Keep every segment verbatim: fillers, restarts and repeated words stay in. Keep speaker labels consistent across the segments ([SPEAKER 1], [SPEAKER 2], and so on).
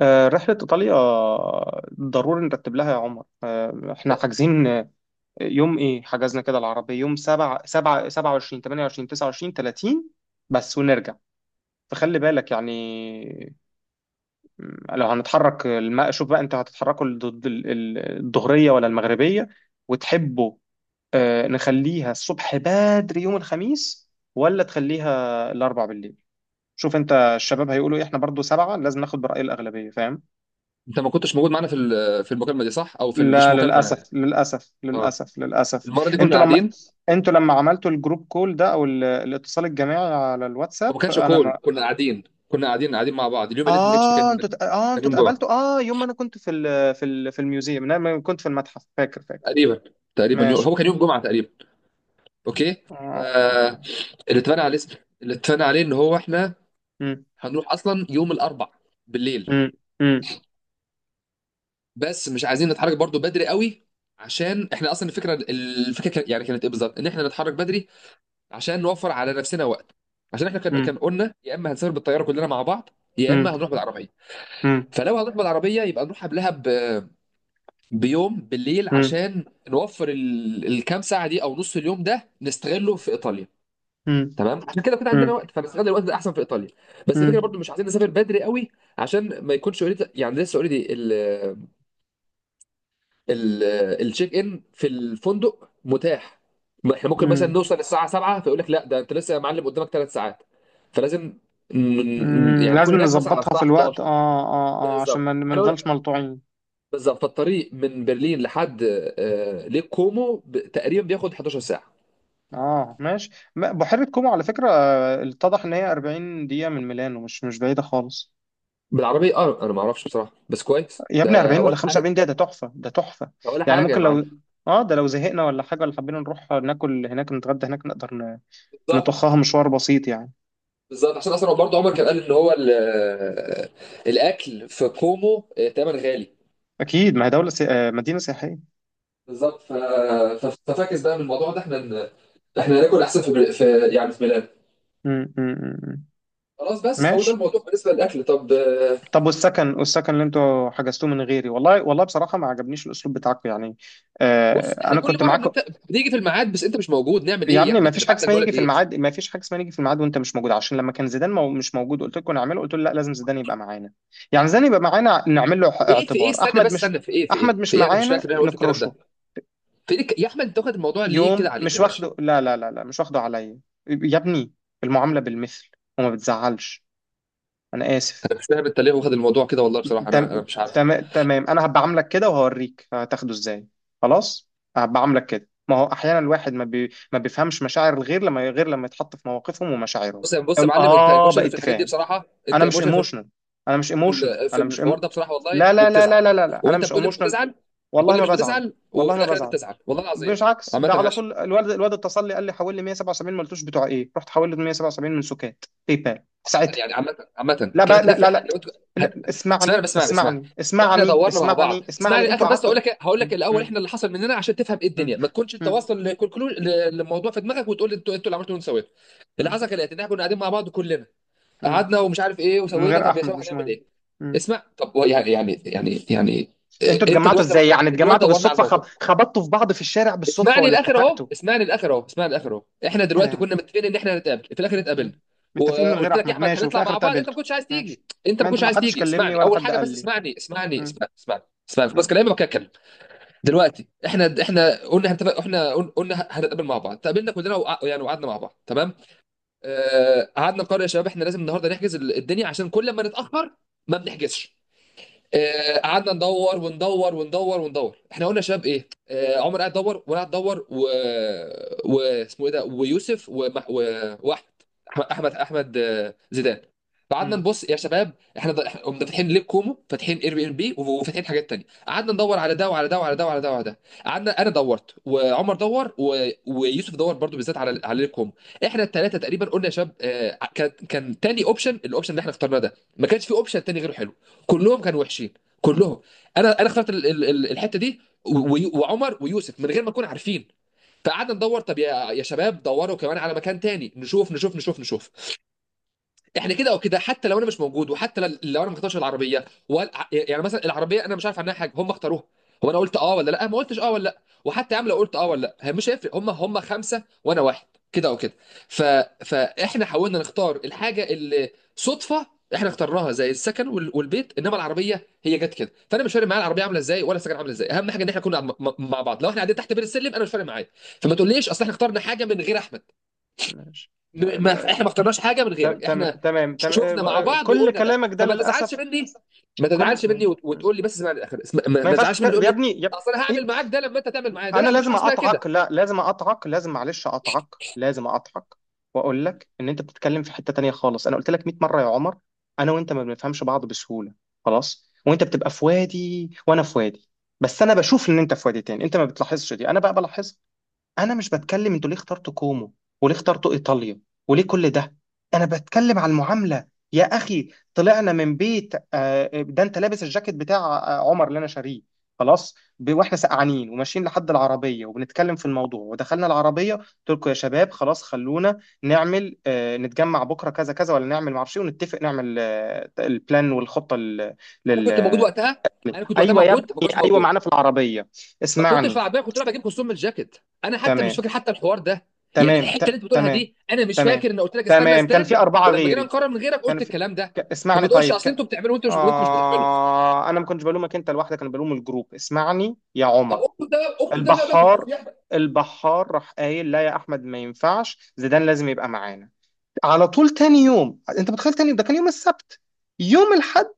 [SPEAKER 1] آه، رحلة إيطاليا ضروري نرتب لها يا عمر. آه، إحنا حاجزين. آه، يوم إيه حجزنا كده؟ العربية يوم سبعة، سبعة، سبعة وعشرين، تمانية وعشرين، تسعة وعشرين، تلاتين بس ونرجع. فخلي بالك يعني. م، لو هنتحرك الم- شوف بقى أنت هتتحركوا الض- ال- ال- الظهرية ولا المغربية وتحبوا؟ آه، نخليها الصبح بدري يوم الخميس ولا تخليها الأربع بالليل؟ شوف أنت الشباب هيقولوا إيه، إحنا برضو سبعة، لازم ناخد برأي الأغلبية، فاهم؟
[SPEAKER 2] انت ما كنتش موجود معانا في ال- في المكالمه دي، صح؟ او في ال- مش
[SPEAKER 1] لا،
[SPEAKER 2] مكالمه يعني.
[SPEAKER 1] للاسف للاسف
[SPEAKER 2] اه،
[SPEAKER 1] للاسف للاسف.
[SPEAKER 2] المره دي كنا
[SPEAKER 1] انتوا لما
[SPEAKER 2] قاعدين.
[SPEAKER 1] انتوا لما عملتوا الجروب كول ده او ال- الاتصال الجماعي على الواتساب
[SPEAKER 2] وما كانش
[SPEAKER 1] انا ما…
[SPEAKER 2] كول، كنا قاعدين، كنا قاعدين قاعدين مع بعض. اليوم اللي انت ما جيتش فيه
[SPEAKER 1] اه،
[SPEAKER 2] كان
[SPEAKER 1] انتوا ت- اه
[SPEAKER 2] كان
[SPEAKER 1] انتوا
[SPEAKER 2] يوم جمعه
[SPEAKER 1] اتقابلتوا. اه، يوم ما انا كنت في ال... في ال... في الميوزيوم، انا لما كنت في المتحف، فاكر فاكر؟
[SPEAKER 2] تقريبا. تقريبا يوم، هو
[SPEAKER 1] ماشي.
[SPEAKER 2] كان يوم جمعه تقريبا. اوكي.
[SPEAKER 1] آه.
[SPEAKER 2] فاللي اتفقنا عليه، اللي اتفقنا عليه ان هو احنا
[SPEAKER 1] مم.
[SPEAKER 2] هنروح اصلا يوم الاربع بالليل.
[SPEAKER 1] مم. مم.
[SPEAKER 2] بس مش عايزين نتحرك برضو بدري قوي، عشان احنا اصلا الفكره الفكره كان- يعني كانت ايه بالظبط، ان احنا نتحرك بدري عشان نوفر على نفسنا وقت. عشان احنا كان
[SPEAKER 1] مم.
[SPEAKER 2] كان قلنا يا اما هنسافر بالطياره كلنا مع بعض، يا
[SPEAKER 1] مم.
[SPEAKER 2] اما هنروح بالعربيه.
[SPEAKER 1] مم.
[SPEAKER 2] فلو هنروح بالعربيه يبقى نروح قبلها ب... بيوم بالليل
[SPEAKER 1] مم.
[SPEAKER 2] عشان نوفر ال... الكام ساعه دي او نص اليوم ده نستغله في ايطاليا.
[SPEAKER 1] مم.
[SPEAKER 2] تمام، عشان كده كده عندنا
[SPEAKER 1] مم.
[SPEAKER 2] وقت، فنستغل الوقت ده احسن في ايطاليا. بس الفكره
[SPEAKER 1] مم.
[SPEAKER 2] برضو مش عايزين نسافر بدري قوي، عشان ما يكونش اوريدي يعني، لسه اوريدي ال- التشيك ان في الفندق متاح. ما احنا ممكن مثلا
[SPEAKER 1] مم.
[SPEAKER 2] نوصل الساعه سبعة فيقول لك لا، ده انت لسه يا معلم قدامك ثلاث ساعات. فلازم ن- ن-
[SPEAKER 1] مم.
[SPEAKER 2] يعني نكون
[SPEAKER 1] لازم
[SPEAKER 2] هناك مثلا على
[SPEAKER 1] نظبطها
[SPEAKER 2] الساعه
[SPEAKER 1] في الوقت،
[SPEAKER 2] إحدى عشر.
[SPEAKER 1] اه. اه، اه، عشان
[SPEAKER 2] بالظبط،
[SPEAKER 1] ما ما
[SPEAKER 2] احنا نقول
[SPEAKER 1] نفضلش ملطوعين.
[SPEAKER 2] بالظبط. فالطريق من برلين لحد آه، ليك كومو ب- تقريبا بياخد حداشر ساعه
[SPEAKER 1] اه ماشي. ما- بحيرة كومو على فكرة آه، اتضح ان هي أربعين دقيقة من ميلانو، مش مش بعيدة خالص.
[SPEAKER 2] بالعربيه. اه انا ما اعرفش بصراحه، بس كويس
[SPEAKER 1] يا ابني
[SPEAKER 2] ده
[SPEAKER 1] أربعين ولا
[SPEAKER 2] ولا حاجه؟
[SPEAKER 1] خمسة وأربعين دقيقة؟ ده تحفة، ده تحفة
[SPEAKER 2] ده ولا
[SPEAKER 1] يعني.
[SPEAKER 2] حاجه يا
[SPEAKER 1] ممكن
[SPEAKER 2] معلم،
[SPEAKER 1] لو اه، ده لو زهقنا ولا حاجة ولا حبينا نروح ناكل هناك، نتغدى هناك، نقدر ن-
[SPEAKER 2] بالظبط،
[SPEAKER 1] نطخها مشوار بسيط يعني.
[SPEAKER 2] بالظبط. عشان اصلا برضه عمر كان قال ان هو ال- آه، الاكل في كومو آه، تمن غالي.
[SPEAKER 1] اكيد، ما هي دولة سي... آه، مدينة سياحية.
[SPEAKER 2] بالظبط. ف... ف... ففاكس بقى من الموضوع ده، احنا ن... احنا ناكل احسن في, بل... في، يعني في ميلان.
[SPEAKER 1] م- م- م- م.
[SPEAKER 2] خلاص، بس فهو ده
[SPEAKER 1] ماشي.
[SPEAKER 2] الموضوع بالنسبه للاكل. طب آه،
[SPEAKER 1] طب والسكن، والسكن اللي انتوا حجزتوه من غيري، والله والله بصراحة ما عجبنيش الاسلوب بتاعكم يعني.
[SPEAKER 2] بص،
[SPEAKER 1] آه،
[SPEAKER 2] احنا
[SPEAKER 1] انا
[SPEAKER 2] كل
[SPEAKER 1] كنت
[SPEAKER 2] مره
[SPEAKER 1] معاك.
[SPEAKER 2] بنت... بنيجي في الميعاد بس انت مش موجود. نعمل
[SPEAKER 1] يا
[SPEAKER 2] ايه
[SPEAKER 1] ابني ما
[SPEAKER 2] يعني؟
[SPEAKER 1] فيش حاجه
[SPEAKER 2] هنبعت لك
[SPEAKER 1] اسمها
[SPEAKER 2] نقول
[SPEAKER 1] نيجي
[SPEAKER 2] لك
[SPEAKER 1] في
[SPEAKER 2] ايه؟
[SPEAKER 1] الميعاد، ما فيش حاجه اسمها نيجي في الميعاد وانت مش موجود، عشان لما كان زيدان مو مش موجود قلت لكم نعمله، قلت له لا، لازم زيدان يبقى معانا. يعني زيدان يبقى معانا، نعمل له
[SPEAKER 2] ايه في ايه؟
[SPEAKER 1] اعتبار،
[SPEAKER 2] استنى
[SPEAKER 1] احمد
[SPEAKER 2] بس،
[SPEAKER 1] مش…
[SPEAKER 2] استنى، في ايه في ايه
[SPEAKER 1] احمد مش
[SPEAKER 2] في ايه؟ انا مش
[SPEAKER 1] معانا
[SPEAKER 2] فاكر إن انا قلت الكلام ده.
[SPEAKER 1] نكرشه؟
[SPEAKER 2] في إيه؟ يا احمد انت واخد الموضوع ليه كده
[SPEAKER 1] يوم
[SPEAKER 2] عليك يا
[SPEAKER 1] مش
[SPEAKER 2] باشا؟
[SPEAKER 1] واخده، لا لا لا لا، مش واخده عليا يا ابني. المعامله بالمثل، وما بتزعلش. انا اسف.
[SPEAKER 2] انا مش فاهم انت ليه واخد الموضوع كده، والله بصراحه انا انا
[SPEAKER 1] تم...
[SPEAKER 2] مش عارف.
[SPEAKER 1] تم... تمام، انا هبقى عاملك كده وهوريك هتاخده ازاي. خلاص، هبقى عاملك كده. ما هو احيانا الواحد ما, بي... ما بيفهمش مشاعر الغير لما غير لما يتحط في مواقفهم ومشاعرهم.
[SPEAKER 2] بص يا بص يا
[SPEAKER 1] يقول
[SPEAKER 2] معلم، انت
[SPEAKER 1] اه،
[SPEAKER 2] ايموشن في
[SPEAKER 1] بقيت
[SPEAKER 2] الحاجات دي
[SPEAKER 1] فاهم؟
[SPEAKER 2] بصراحه، انت
[SPEAKER 1] انا مش
[SPEAKER 2] ايموشن
[SPEAKER 1] ايموشنال. انا مش ايموشنال
[SPEAKER 2] في
[SPEAKER 1] انا مش
[SPEAKER 2] الحوار
[SPEAKER 1] إيمو...
[SPEAKER 2] ده بصراحه والله،
[SPEAKER 1] لا لا لا لا
[SPEAKER 2] وبتزعل.
[SPEAKER 1] لا لا لا. انا
[SPEAKER 2] وانت
[SPEAKER 1] مش
[SPEAKER 2] بتقول لي مش
[SPEAKER 1] ايموشنال.
[SPEAKER 2] بتزعل، بتقول
[SPEAKER 1] والله
[SPEAKER 2] لي
[SPEAKER 1] ما
[SPEAKER 2] مش
[SPEAKER 1] بزعل.
[SPEAKER 2] بتزعل،
[SPEAKER 1] والله
[SPEAKER 2] وفي
[SPEAKER 1] ما
[SPEAKER 2] الاخر انت
[SPEAKER 1] بزعل.
[SPEAKER 2] بتزعل، والله العظيم.
[SPEAKER 1] مش عكس
[SPEAKER 2] عامة
[SPEAKER 1] ده؟ على
[SPEAKER 2] ماشي.
[SPEAKER 1] طول الواد، الواد اتصل لي قال لي حول لي مية وسبعة وسبعين، ما قلتوش بتوع ايه، رحت حول له مية وسبعة وسبعين من سكات باي بال.
[SPEAKER 2] عامة يعني، عامة عامة
[SPEAKER 1] لا بقى،
[SPEAKER 2] كانت
[SPEAKER 1] لا
[SPEAKER 2] هتفرق
[SPEAKER 1] لا
[SPEAKER 2] حاجة
[SPEAKER 1] لا.
[SPEAKER 2] لو انت هت...
[SPEAKER 1] لا،
[SPEAKER 2] اسمعني
[SPEAKER 1] اسمعني
[SPEAKER 2] بس، اسمعني، اسمعني.
[SPEAKER 1] اسمعني
[SPEAKER 2] احنا
[SPEAKER 1] اسمعني
[SPEAKER 2] دورنا مع
[SPEAKER 1] اسمعني
[SPEAKER 2] بعض، اسمعني
[SPEAKER 1] اسمعني، انتوا
[SPEAKER 2] الاخر بس
[SPEAKER 1] قعدتوا
[SPEAKER 2] اقول لك إيه، هقول
[SPEAKER 1] م-
[SPEAKER 2] لك الاول
[SPEAKER 1] م-
[SPEAKER 2] احنا اللي حصل مننا عشان تفهم ايه
[SPEAKER 1] م-
[SPEAKER 2] الدنيا، ما تكونش انت
[SPEAKER 1] م-
[SPEAKER 2] واصل لكونكلوج للموضوع في دماغك وتقول لي انتوا انتوا اللي عملتوا وانتوا سويتوا. اللي
[SPEAKER 1] م-
[SPEAKER 2] حصل كان ان احنا كنا قاعدين مع بعض كلنا،
[SPEAKER 1] م-
[SPEAKER 2] قعدنا ومش عارف ايه،
[SPEAKER 1] من
[SPEAKER 2] وسوينا
[SPEAKER 1] غير
[SPEAKER 2] طب يا
[SPEAKER 1] احمد
[SPEAKER 2] شباب
[SPEAKER 1] مش
[SPEAKER 2] هنعمل
[SPEAKER 1] مهم.
[SPEAKER 2] ايه؟
[SPEAKER 1] م.
[SPEAKER 2] اسمع. طب هو يعني يعني يعني يعني
[SPEAKER 1] انتوا
[SPEAKER 2] إيه، انت
[SPEAKER 1] اتجمعتوا
[SPEAKER 2] دلوقتي لو...
[SPEAKER 1] ازاي؟ يعني
[SPEAKER 2] احنا دلوقتي
[SPEAKER 1] اتجمعتوا
[SPEAKER 2] دورنا على
[SPEAKER 1] بالصدفه، خب...
[SPEAKER 2] الموضوع.
[SPEAKER 1] خبطتوا في بعض في الشارع بالصدفه
[SPEAKER 2] اسمعني
[SPEAKER 1] ولا
[SPEAKER 2] للاخر اهو،
[SPEAKER 1] اتفقتوا؟
[SPEAKER 2] اسمعني للاخر اهو، اسمعني للاخر اهو. احنا دلوقتي
[SPEAKER 1] كلام ده.
[SPEAKER 2] كنا متفقين ان احنا هنتقابل، في الاخر
[SPEAKER 1] م.
[SPEAKER 2] اتقابلنا.
[SPEAKER 1] متفقين من غير
[SPEAKER 2] وقلت لك يا
[SPEAKER 1] احمد،
[SPEAKER 2] احمد
[SPEAKER 1] ماشي، وفي
[SPEAKER 2] هنطلع
[SPEAKER 1] الاخر
[SPEAKER 2] مع بعض، انت ما
[SPEAKER 1] اتقابلتوا.
[SPEAKER 2] كنتش عايز
[SPEAKER 1] ماشي.
[SPEAKER 2] تيجي، انت
[SPEAKER 1] ما
[SPEAKER 2] ما كنتش
[SPEAKER 1] انتوا ما
[SPEAKER 2] عايز
[SPEAKER 1] حدش
[SPEAKER 2] تيجي.
[SPEAKER 1] كلمني
[SPEAKER 2] اسمعني
[SPEAKER 1] ولا
[SPEAKER 2] اول
[SPEAKER 1] حد
[SPEAKER 2] حاجه
[SPEAKER 1] قال
[SPEAKER 2] بس،
[SPEAKER 1] لي.
[SPEAKER 2] اسمعني، اسمعني،
[SPEAKER 1] م.
[SPEAKER 2] اسمعني، اسمعني. اسمعني بس
[SPEAKER 1] م.
[SPEAKER 2] كلامي بقى، اتكلم. دلوقتي احنا احنا قلنا هنتفق، احنا قل- قلنا هنتقابل مع بعض، تقابلنا كلنا، وقع... يعني وقعدنا مع بعض، تمام. آه، قعدنا نقرر يا شباب، احنا لازم النهارده نحجز ال- الدنيا عشان كل ما نتاخر ما بنحجزش. آه، قعدنا ندور وندور وندور وندور. احنا قلنا يا شباب ايه، آه، عمر قاعد يدور وانا قاعد ادور و... واسمه ايه ده، ويوسف ومح... و... واحمد، احمد احمد احمد آه، زيدان. فقعدنا
[SPEAKER 1] م.
[SPEAKER 2] نبص يا شباب، احنا ض- إحنا قمنا فاتحين ليب كومو، فاتحين اير بي ام بي، وفاتحين حاجات تانية. قعدنا ندور على ده وعلى ده وعلى ده وعلى ده وعلى ده. قعدنا انا دورت وعمر دور و... ويوسف دور برضو، بالذات على على ليب كومو. احنا الثلاثه تقريبا قلنا يا شباب، آه، كان كان تاني اوبشن، الاوبشن اللي احنا اخترناه ده، ما كانش في اوبشن تاني غيره حلو. كلهم كانوا وحشين، كلهم. انا انا اخترت ال- ال- ال- الحته دي، و- وعمر ويوسف، من غير ما نكون عارفين. فقعدنا ندور، طب يا يا شباب دوروا كمان على مكان تاني، نشوف، نشوف، نشوف، نشوف. احنا كده او كده، حتى لو انا مش موجود، وحتى ل- لو انا ما اختارش العربيه وال... يعني مثلا العربيه انا مش عارف عنها حاجه، هم اختاروها. هو انا قلت اه ولا لا؟ ما قلتش اه ولا لا. وحتى يا عم لو قلت اه ولا لا هي مش هيفرق، هم هم خمسه وانا واحد، كده او كده. ف... فاحنا حاولنا نختار الحاجه اللي صدفه احنا اخترناها زي السكن وال... والبيت، انما العربيه هي جت كده. فانا مش فارق معايا العربيه عامله ازاي ولا السكن عامله ازاي، اهم حاجه ان احنا كنا م... م- مع بعض. لو احنا قاعدين تحت بير السلم انا مش فارق معايا. فما تقوليش اصل احنا اخترنا حاجه من غير احمد.
[SPEAKER 1] ماشي. آه،
[SPEAKER 2] م- ما
[SPEAKER 1] آه،
[SPEAKER 2] احنا ما اخترناش حاجه من
[SPEAKER 1] تم-
[SPEAKER 2] غيرك.
[SPEAKER 1] تم-
[SPEAKER 2] احنا
[SPEAKER 1] تمام
[SPEAKER 2] ش-
[SPEAKER 1] تمام.
[SPEAKER 2] شفنا مع
[SPEAKER 1] آه، آه،
[SPEAKER 2] بعض
[SPEAKER 1] كل
[SPEAKER 2] وقلنا ده،
[SPEAKER 1] كلامك ده
[SPEAKER 2] فما تزعلش
[SPEAKER 1] للاسف.
[SPEAKER 2] مني. ما
[SPEAKER 1] كل
[SPEAKER 2] تزعلش مني
[SPEAKER 1] ماشي.
[SPEAKER 2] وت- وتقول لي بس اسمعني للاخر. اسم- ما
[SPEAKER 1] ما
[SPEAKER 2] ما
[SPEAKER 1] ينفعش
[SPEAKER 2] تزعلش مني
[SPEAKER 1] تتكلم
[SPEAKER 2] تقول
[SPEAKER 1] يا
[SPEAKER 2] لي
[SPEAKER 1] ابني يا…
[SPEAKER 2] اصل انا
[SPEAKER 1] إيه؟
[SPEAKER 2] هعمل معاك ده لما انت تعمل معايا ده.
[SPEAKER 1] انا
[SPEAKER 2] لا، مفيش
[SPEAKER 1] لازم
[SPEAKER 2] حاجه اسمها
[SPEAKER 1] اقطعك،
[SPEAKER 2] كده.
[SPEAKER 1] لا لازم اقطعك، لازم معلش اقطعك، لازم اقطعك، واقول لك ان انت بتتكلم في حتة تانية خالص. انا قلت لك مية مرة يا عمر، انا وانت ما بنفهمش بعض بسهولة. خلاص، وانت بتبقى في وادي وانا في وادي. بس انا بشوف ان انت في وادي تاني، انت ما بتلاحظش دي، انا بقى بلاحظها. انا مش بتكلم انتوا ليه اخترتوا كومو، وليه اخترتوا ايطاليا، وليه كل ده. انا بتكلم على المعامله يا اخي. طلعنا من بيت آه، ده انت لابس الجاكيت بتاع آه، عمر اللي انا شاريه. خلاص، ب- واحنا سقعانين وماشيين لحد العربيه وبنتكلم في الموضوع، ودخلنا العربيه قلت لكم يا شباب خلاص، خلونا نعمل آه، نتجمع بكره كذا كذا، ولا نعمل معرفش إيه، ونتفق نعمل آه، البلان والخطه لل
[SPEAKER 2] انا
[SPEAKER 1] لل-
[SPEAKER 2] كنت موجود
[SPEAKER 1] آه…
[SPEAKER 2] وقتها، انا كنت وقتها
[SPEAKER 1] ايوه يا ابني،
[SPEAKER 2] موجود. ما كنتش
[SPEAKER 1] ايوه
[SPEAKER 2] موجود،
[SPEAKER 1] معانا في العربيه.
[SPEAKER 2] ما كنتش في
[SPEAKER 1] اسمعني.
[SPEAKER 2] العربيه، كنت رايح بجيب كلثوم من الجاكيت. انا حتى مش
[SPEAKER 1] تمام
[SPEAKER 2] فاكر حتى الحوار ده. يعني
[SPEAKER 1] تمام
[SPEAKER 2] الحته
[SPEAKER 1] ت...
[SPEAKER 2] اللي انت بتقولها
[SPEAKER 1] تمام.
[SPEAKER 2] دي انا مش
[SPEAKER 1] تمام.
[SPEAKER 2] فاكر ان قلت لك استنى
[SPEAKER 1] تمام، كان
[SPEAKER 2] اسدان.
[SPEAKER 1] في أربعة
[SPEAKER 2] ولما جينا
[SPEAKER 1] غيري.
[SPEAKER 2] نقرر من غيرك
[SPEAKER 1] كان
[SPEAKER 2] قلت
[SPEAKER 1] في…
[SPEAKER 2] الكلام ده.
[SPEAKER 1] ك...
[SPEAKER 2] فما
[SPEAKER 1] اسمعني
[SPEAKER 2] تقولش
[SPEAKER 1] طيب.
[SPEAKER 2] اصل
[SPEAKER 1] ك…
[SPEAKER 2] انتوا بتعملوا، وانت مش وانت مش بتعمله.
[SPEAKER 1] آه، أنا ما كنتش بلومك أنت لوحدك، أنا بلوم الجروب. اسمعني يا
[SPEAKER 2] طب
[SPEAKER 1] عمر.
[SPEAKER 2] اكتب ده بقى- اكتب ده بقى في
[SPEAKER 1] البحار
[SPEAKER 2] الجروب يا احمد.
[SPEAKER 1] البحار راح قايل لا يا أحمد ما ينفعش، زيدان لازم يبقى معانا. على طول، تاني يوم، أنت متخيل؟ تاني يوم، ده كان يوم السبت، يوم الحد،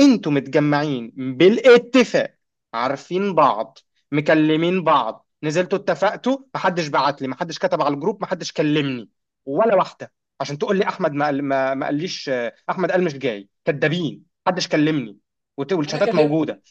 [SPEAKER 1] انتوا متجمعين بالاتفاق، عارفين بعض، مكلمين بعض، نزلتوا اتفقتوا، محدش بعت لي، محدش كتب على الجروب، محدش كلمني ولا واحده، عشان تقول لي احمد ما قال- ما ما قاليش آه، احمد قال مش جاي، كدابين محدش كلمني. وت-
[SPEAKER 2] انا
[SPEAKER 1] والشتات
[SPEAKER 2] كلمت
[SPEAKER 1] موجوده،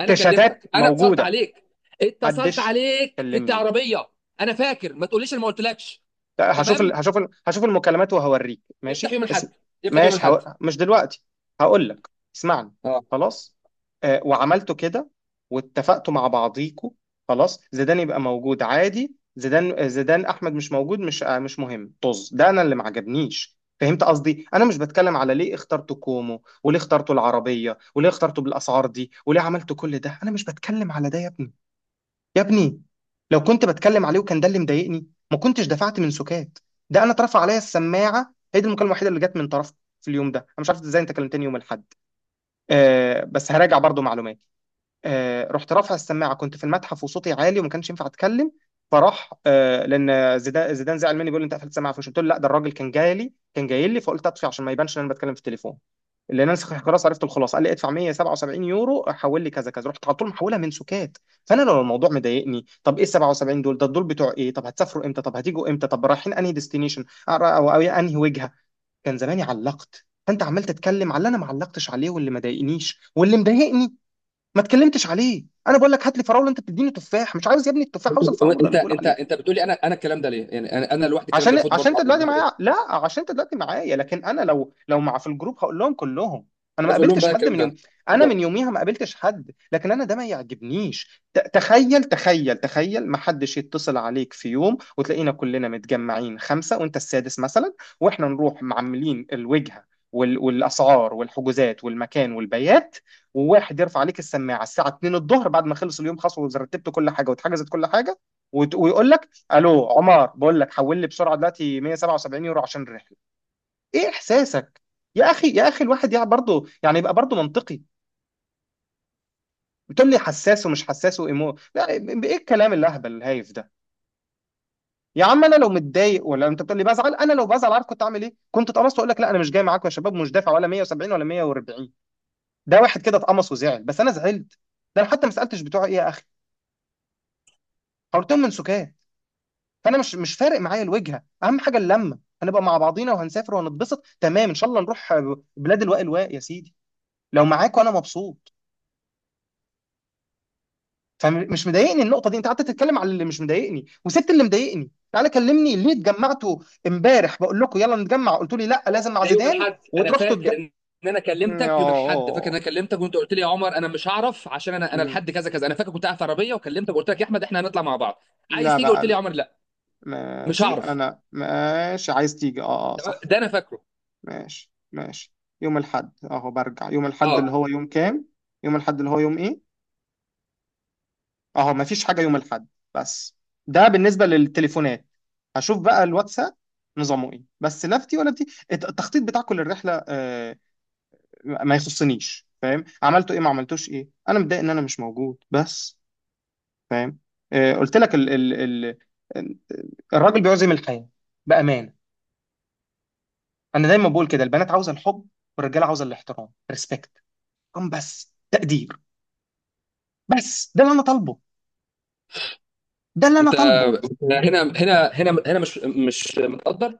[SPEAKER 2] انا كلمتك، انا اتصلت
[SPEAKER 1] موجوده.
[SPEAKER 2] عليك اتصلت
[SPEAKER 1] محدش
[SPEAKER 2] عليك في
[SPEAKER 1] كلمني.
[SPEAKER 2] العربيه. انا فاكر، ما تقوليش انا ما قلتلكش.
[SPEAKER 1] لا، هشوف ال...
[SPEAKER 2] تمام،
[SPEAKER 1] هشوف ال... هشوف المكالمات وهوريك
[SPEAKER 2] افتح
[SPEAKER 1] ماشي.
[SPEAKER 2] يوم
[SPEAKER 1] اسم...
[SPEAKER 2] الاحد، افتح يوم
[SPEAKER 1] ماشي.
[SPEAKER 2] الاحد.
[SPEAKER 1] هو... مش دلوقتي، هقول لك. اسمعني.
[SPEAKER 2] اه.
[SPEAKER 1] خلاص، آه، وعملتوا كده واتفقتوا مع بعضيكوا. خلاص، زيدان يبقى موجود عادي، زيدان آه، زيدان احمد مش موجود مش، آه، مش مهم، طز، ده انا اللي ما عجبنيش، فهمت قصدي؟ انا مش بتكلم على ليه اخترتوا كومو وليه اخترتوا العربيه وليه اخترتوا بالاسعار دي وليه عملتوا كل ده، انا مش بتكلم على ده يا ابني. يا ابني، لو كنت بتكلم عليه وكان ده اللي مضايقني، ما كنتش دفعت من سكات. ده انا اترفع عليا السماعه، هي دي المكالمه الوحيده اللي جت من طرفك في اليوم ده، انا مش عارف ازاي انت كلمتني يوم الاحد. آه، بس هراجع برضو معلوماتي. آه، رحت رافع السماعه، كنت في المتحف وصوتي عالي وما كانش ينفع اتكلم، فراح آه، لان زيدان زيدان زعل مني بيقول لي انت قفلت السماعه، فمش قلت له لا، ده الراجل كان جاي لي، كان جاي لي فقلت اطفي عشان ما يبانش ان انا بتكلم في التليفون. اللي انا خلاص عرفت الخلاصه، قال لي ادفع مية وسبعة وسبعين يورو، حول لي كذا كذا، رحت على طول محولها منسوكات. فانا لو الموضوع مضايقني طب ايه ال سبعة وسبعين دول، ده دول بتوع ايه، طب هتسافروا امتى، طب هتيجوا امتى، طب رايحين انهي ديستنيشن، او أو انهي وجهه، كان زماني علقت. فانت عمال تتكلم على اللي انا ما علقتش عليه واللي ما ضايقنيش، واللي مضايقني ما اتكلمتش عليه. انا بقول لك هات لي فراوله، انت بتديني تفاح. مش عاوز يا ابني التفاح،
[SPEAKER 2] انت
[SPEAKER 1] عاوز الفراوله
[SPEAKER 2] انت
[SPEAKER 1] اللي بقول
[SPEAKER 2] انت
[SPEAKER 1] عليها.
[SPEAKER 2] انت بتقولي انا انا الكلام ده ليه يعني؟ انا انا لوحدي الكلام ده
[SPEAKER 1] عشان
[SPEAKER 2] المفروض
[SPEAKER 1] عشان
[SPEAKER 2] برضه؟
[SPEAKER 1] انت دلوقتي معايا، لا عشان انت دلوقتي معايا، لكن انا لو لو مع في الجروب هقول لهم كلهم. انا ما
[SPEAKER 2] خلاص، اقول لهم
[SPEAKER 1] قابلتش
[SPEAKER 2] بقى
[SPEAKER 1] حد
[SPEAKER 2] الكلام
[SPEAKER 1] من يوم.
[SPEAKER 2] ده
[SPEAKER 1] انا من
[SPEAKER 2] بالظبط.
[SPEAKER 1] يوميها ما قابلتش حد، لكن انا ده ما يعجبنيش. ت- تخيل تخيل تخيل، ما حدش يتصل عليك في يوم وتلاقينا كلنا متجمعين خمسة وانت السادس مثلا، واحنا نروح معملين الوجهة وال... والاسعار والحجوزات والمكان والبيات، وواحد يرفع عليك السماعة الساعة اتنين الظهر بعد ما خلص اليوم خلاص ورتبت كل حاجة واتحجزت كل حاجة، وت... ويقول لك: الو عمر، بقول لك حول لي بسرعه دلوقتي مية وسبعة وسبعين يورو عشان الرحله. ايه احساسك؟ يا اخي يا اخي، الواحد يعني برضه يعني يبقى برضه منطقي. بتقول لي حساس ومش حساس وايمو، لا، ايه الكلام الاهبل الهايف ده؟ يا عم انا لو متضايق، ولا انت بتقول لي بزعل، انا لو بزعل عارف كنت اعمل ايه؟ كنت اتقمصت واقول لك لا انا مش جاي معاكم يا شباب، مش دافع ولا مية وسبعين ولا مية وأربعين، ده واحد كده اتقمص وزعل. بس انا زعلت؟ ده انا حتى ما سالتش بتوع ايه يا اخي، حاولتهم من سكات. فانا مش مش فارق معايا الوجهه، اهم حاجه اللمه، هنبقى مع بعضينا وهنسافر وهنتبسط، تمام ان شاء الله نروح بلاد الواء الواء يا سيدي، لو معاك وانا مبسوط. فمش مضايقني النقطه دي، انت قعدت تتكلم على اللي مش مضايقني وسبت اللي مضايقني. تعالى كلمني ليه اتجمعتوا امبارح بقول لكم يلا نتجمع قلتوا لي لا لازم مع
[SPEAKER 2] ده يوم
[SPEAKER 1] زيدان،
[SPEAKER 2] الاحد انا
[SPEAKER 1] وتروحوا تتج...
[SPEAKER 2] فاكر ان ان انا كلمتك يوم الاحد. فاكر ان
[SPEAKER 1] اه.
[SPEAKER 2] انا كلمتك وانت قلت لي يا عمر انا مش هعرف عشان انا انا
[SPEAKER 1] أمم.
[SPEAKER 2] لحد كذا كذا. انا فاكر كنت قاعد في عربيه وكلمتك وقلت لك يا احمد احنا هنطلع مع بعض، عايز
[SPEAKER 1] لا
[SPEAKER 2] تيجي؟
[SPEAKER 1] بقى،
[SPEAKER 2] قلت لي يا
[SPEAKER 1] لا.
[SPEAKER 2] عمر لا، مش
[SPEAKER 1] ماشي،
[SPEAKER 2] هعرف.
[SPEAKER 1] انا ماشي عايز تيجي، اه اه
[SPEAKER 2] تمام؟
[SPEAKER 1] صح.
[SPEAKER 2] ده انا فاكره.
[SPEAKER 1] ماشي ماشي. يوم الاحد اهو، برجع يوم الاحد اللي
[SPEAKER 2] اه،
[SPEAKER 1] هو يوم كام؟ يوم الاحد اللي هو يوم ايه؟ اهو مفيش حاجه يوم الاحد بس. ده بالنسبه للتليفونات، هشوف بقى الواتساب نظامه ايه. بس لا في دي ولا في دي الت- التخطيط بتاع كل الرحله آه، ما يخصنيش فاهم، عملته ايه ما عملتوش ايه، انا متضايق ان انا مش موجود بس، فاهم؟ آه، قلت لك ال ال ال ال- الراجل بيعزم الحياه بامانه. انا دايما بقول كده، البنات عاوزه الحب والرجاله عاوزه الاحترام، ريسبكت، بس تقدير. بس ده اللي انا طالبه، ده اللي انا
[SPEAKER 2] انت
[SPEAKER 1] طالبه.
[SPEAKER 2] هنا، هنا، هنا، هنا، مش مش متقدر.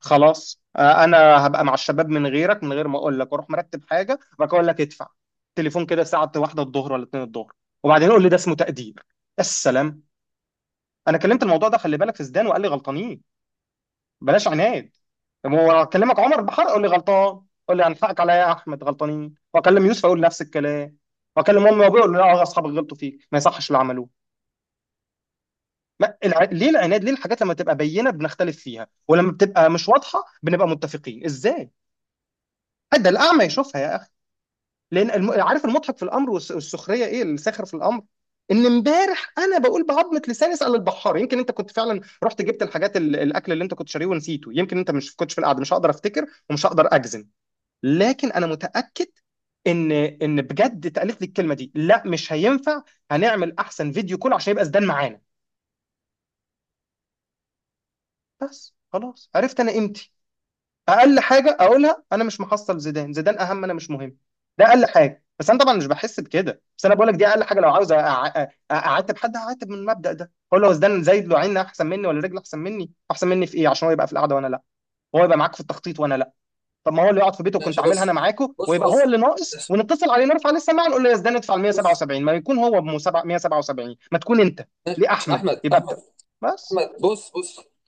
[SPEAKER 1] خلاص، آه، انا هبقى مع الشباب من غيرك، من غير ما اقول لك، واروح مرتب حاجه وبعد كده اقول لك ادفع تليفون كده الساعه واحدة الظهر ولا اتنين الظهر، وبعدين يقول لي ده اسمه تقدير. السلام. انا كلمت الموضوع ده خلي بالك في زدان وقال لي غلطانين بلاش عناد. طب هو اكلمك عمر بحر قول لي غلطان، قول لي هنحقك عليا يا احمد غلطانين، واكلم يوسف اقول نفس الكلام، واكلم امي وابوي اقول لا آه، اصحابك غلطوا فيك ما يصحش اللي عملوه. ما الع... ليه العناد، ليه الحاجات لما تبقى بينه بنختلف فيها، ولما بتبقى مش واضحه بنبقى متفقين ازاي؟ حد الاعمى يشوفها يا اخي. لان الم... عارف المضحك في الامر والس- والسخريه، ايه الساخر في الامر؟ ان امبارح انا بقول بعظمه لساني اسال البحار، يمكن انت كنت فعلا رحت جبت الحاجات ال... الاكل اللي انت كنت شاريه ونسيته، يمكن انت مش كنتش في القعده، مش هقدر افتكر ومش هقدر اجزم، لكن انا متاكد ان ان بجد اتقالت لي الكلمه دي لا مش هينفع، هنعمل احسن فيديو كول عشان يبقى زدان معانا. بس خلاص عرفت انا قيمتي. اقل حاجه اقولها، انا مش محصل زيدان، زيدان اهم انا مش مهم، ده اقل حاجه. بس انا طبعا مش بحس بكده، بس انا بقول لك دي اقل حاجه. لو عاوز أع- أع- اعاتب حد هعاتب من المبدا ده، اقول له هو زيدان زايد له عين احسن مني ولا رجل احسن مني؟ احسن مني في ايه عشان هو يبقى في القعده وانا لا، هو يبقى معاك في التخطيط وانا لا؟ طب ما هو اللي يقعد في بيته كنت
[SPEAKER 2] ماشي،
[SPEAKER 1] عاملها
[SPEAKER 2] بص،
[SPEAKER 1] انا معاكو،
[SPEAKER 2] بص،
[SPEAKER 1] ويبقى هو
[SPEAKER 2] بص،
[SPEAKER 1] اللي ناقص
[SPEAKER 2] ماشي،
[SPEAKER 1] ونتصل عليه نرفع عليه السماعه نقول له يا زيدان ادفع ال
[SPEAKER 2] بص،
[SPEAKER 1] مية وسبعة وسبعين، ما يكون هو ب مية وسبعة وسبعين ما تكون انت. ليه
[SPEAKER 2] ماشي،
[SPEAKER 1] احمد
[SPEAKER 2] احمد،
[SPEAKER 1] يبقى
[SPEAKER 2] احمد،
[SPEAKER 1] بتاع بس.
[SPEAKER 2] احمد، بص، بص.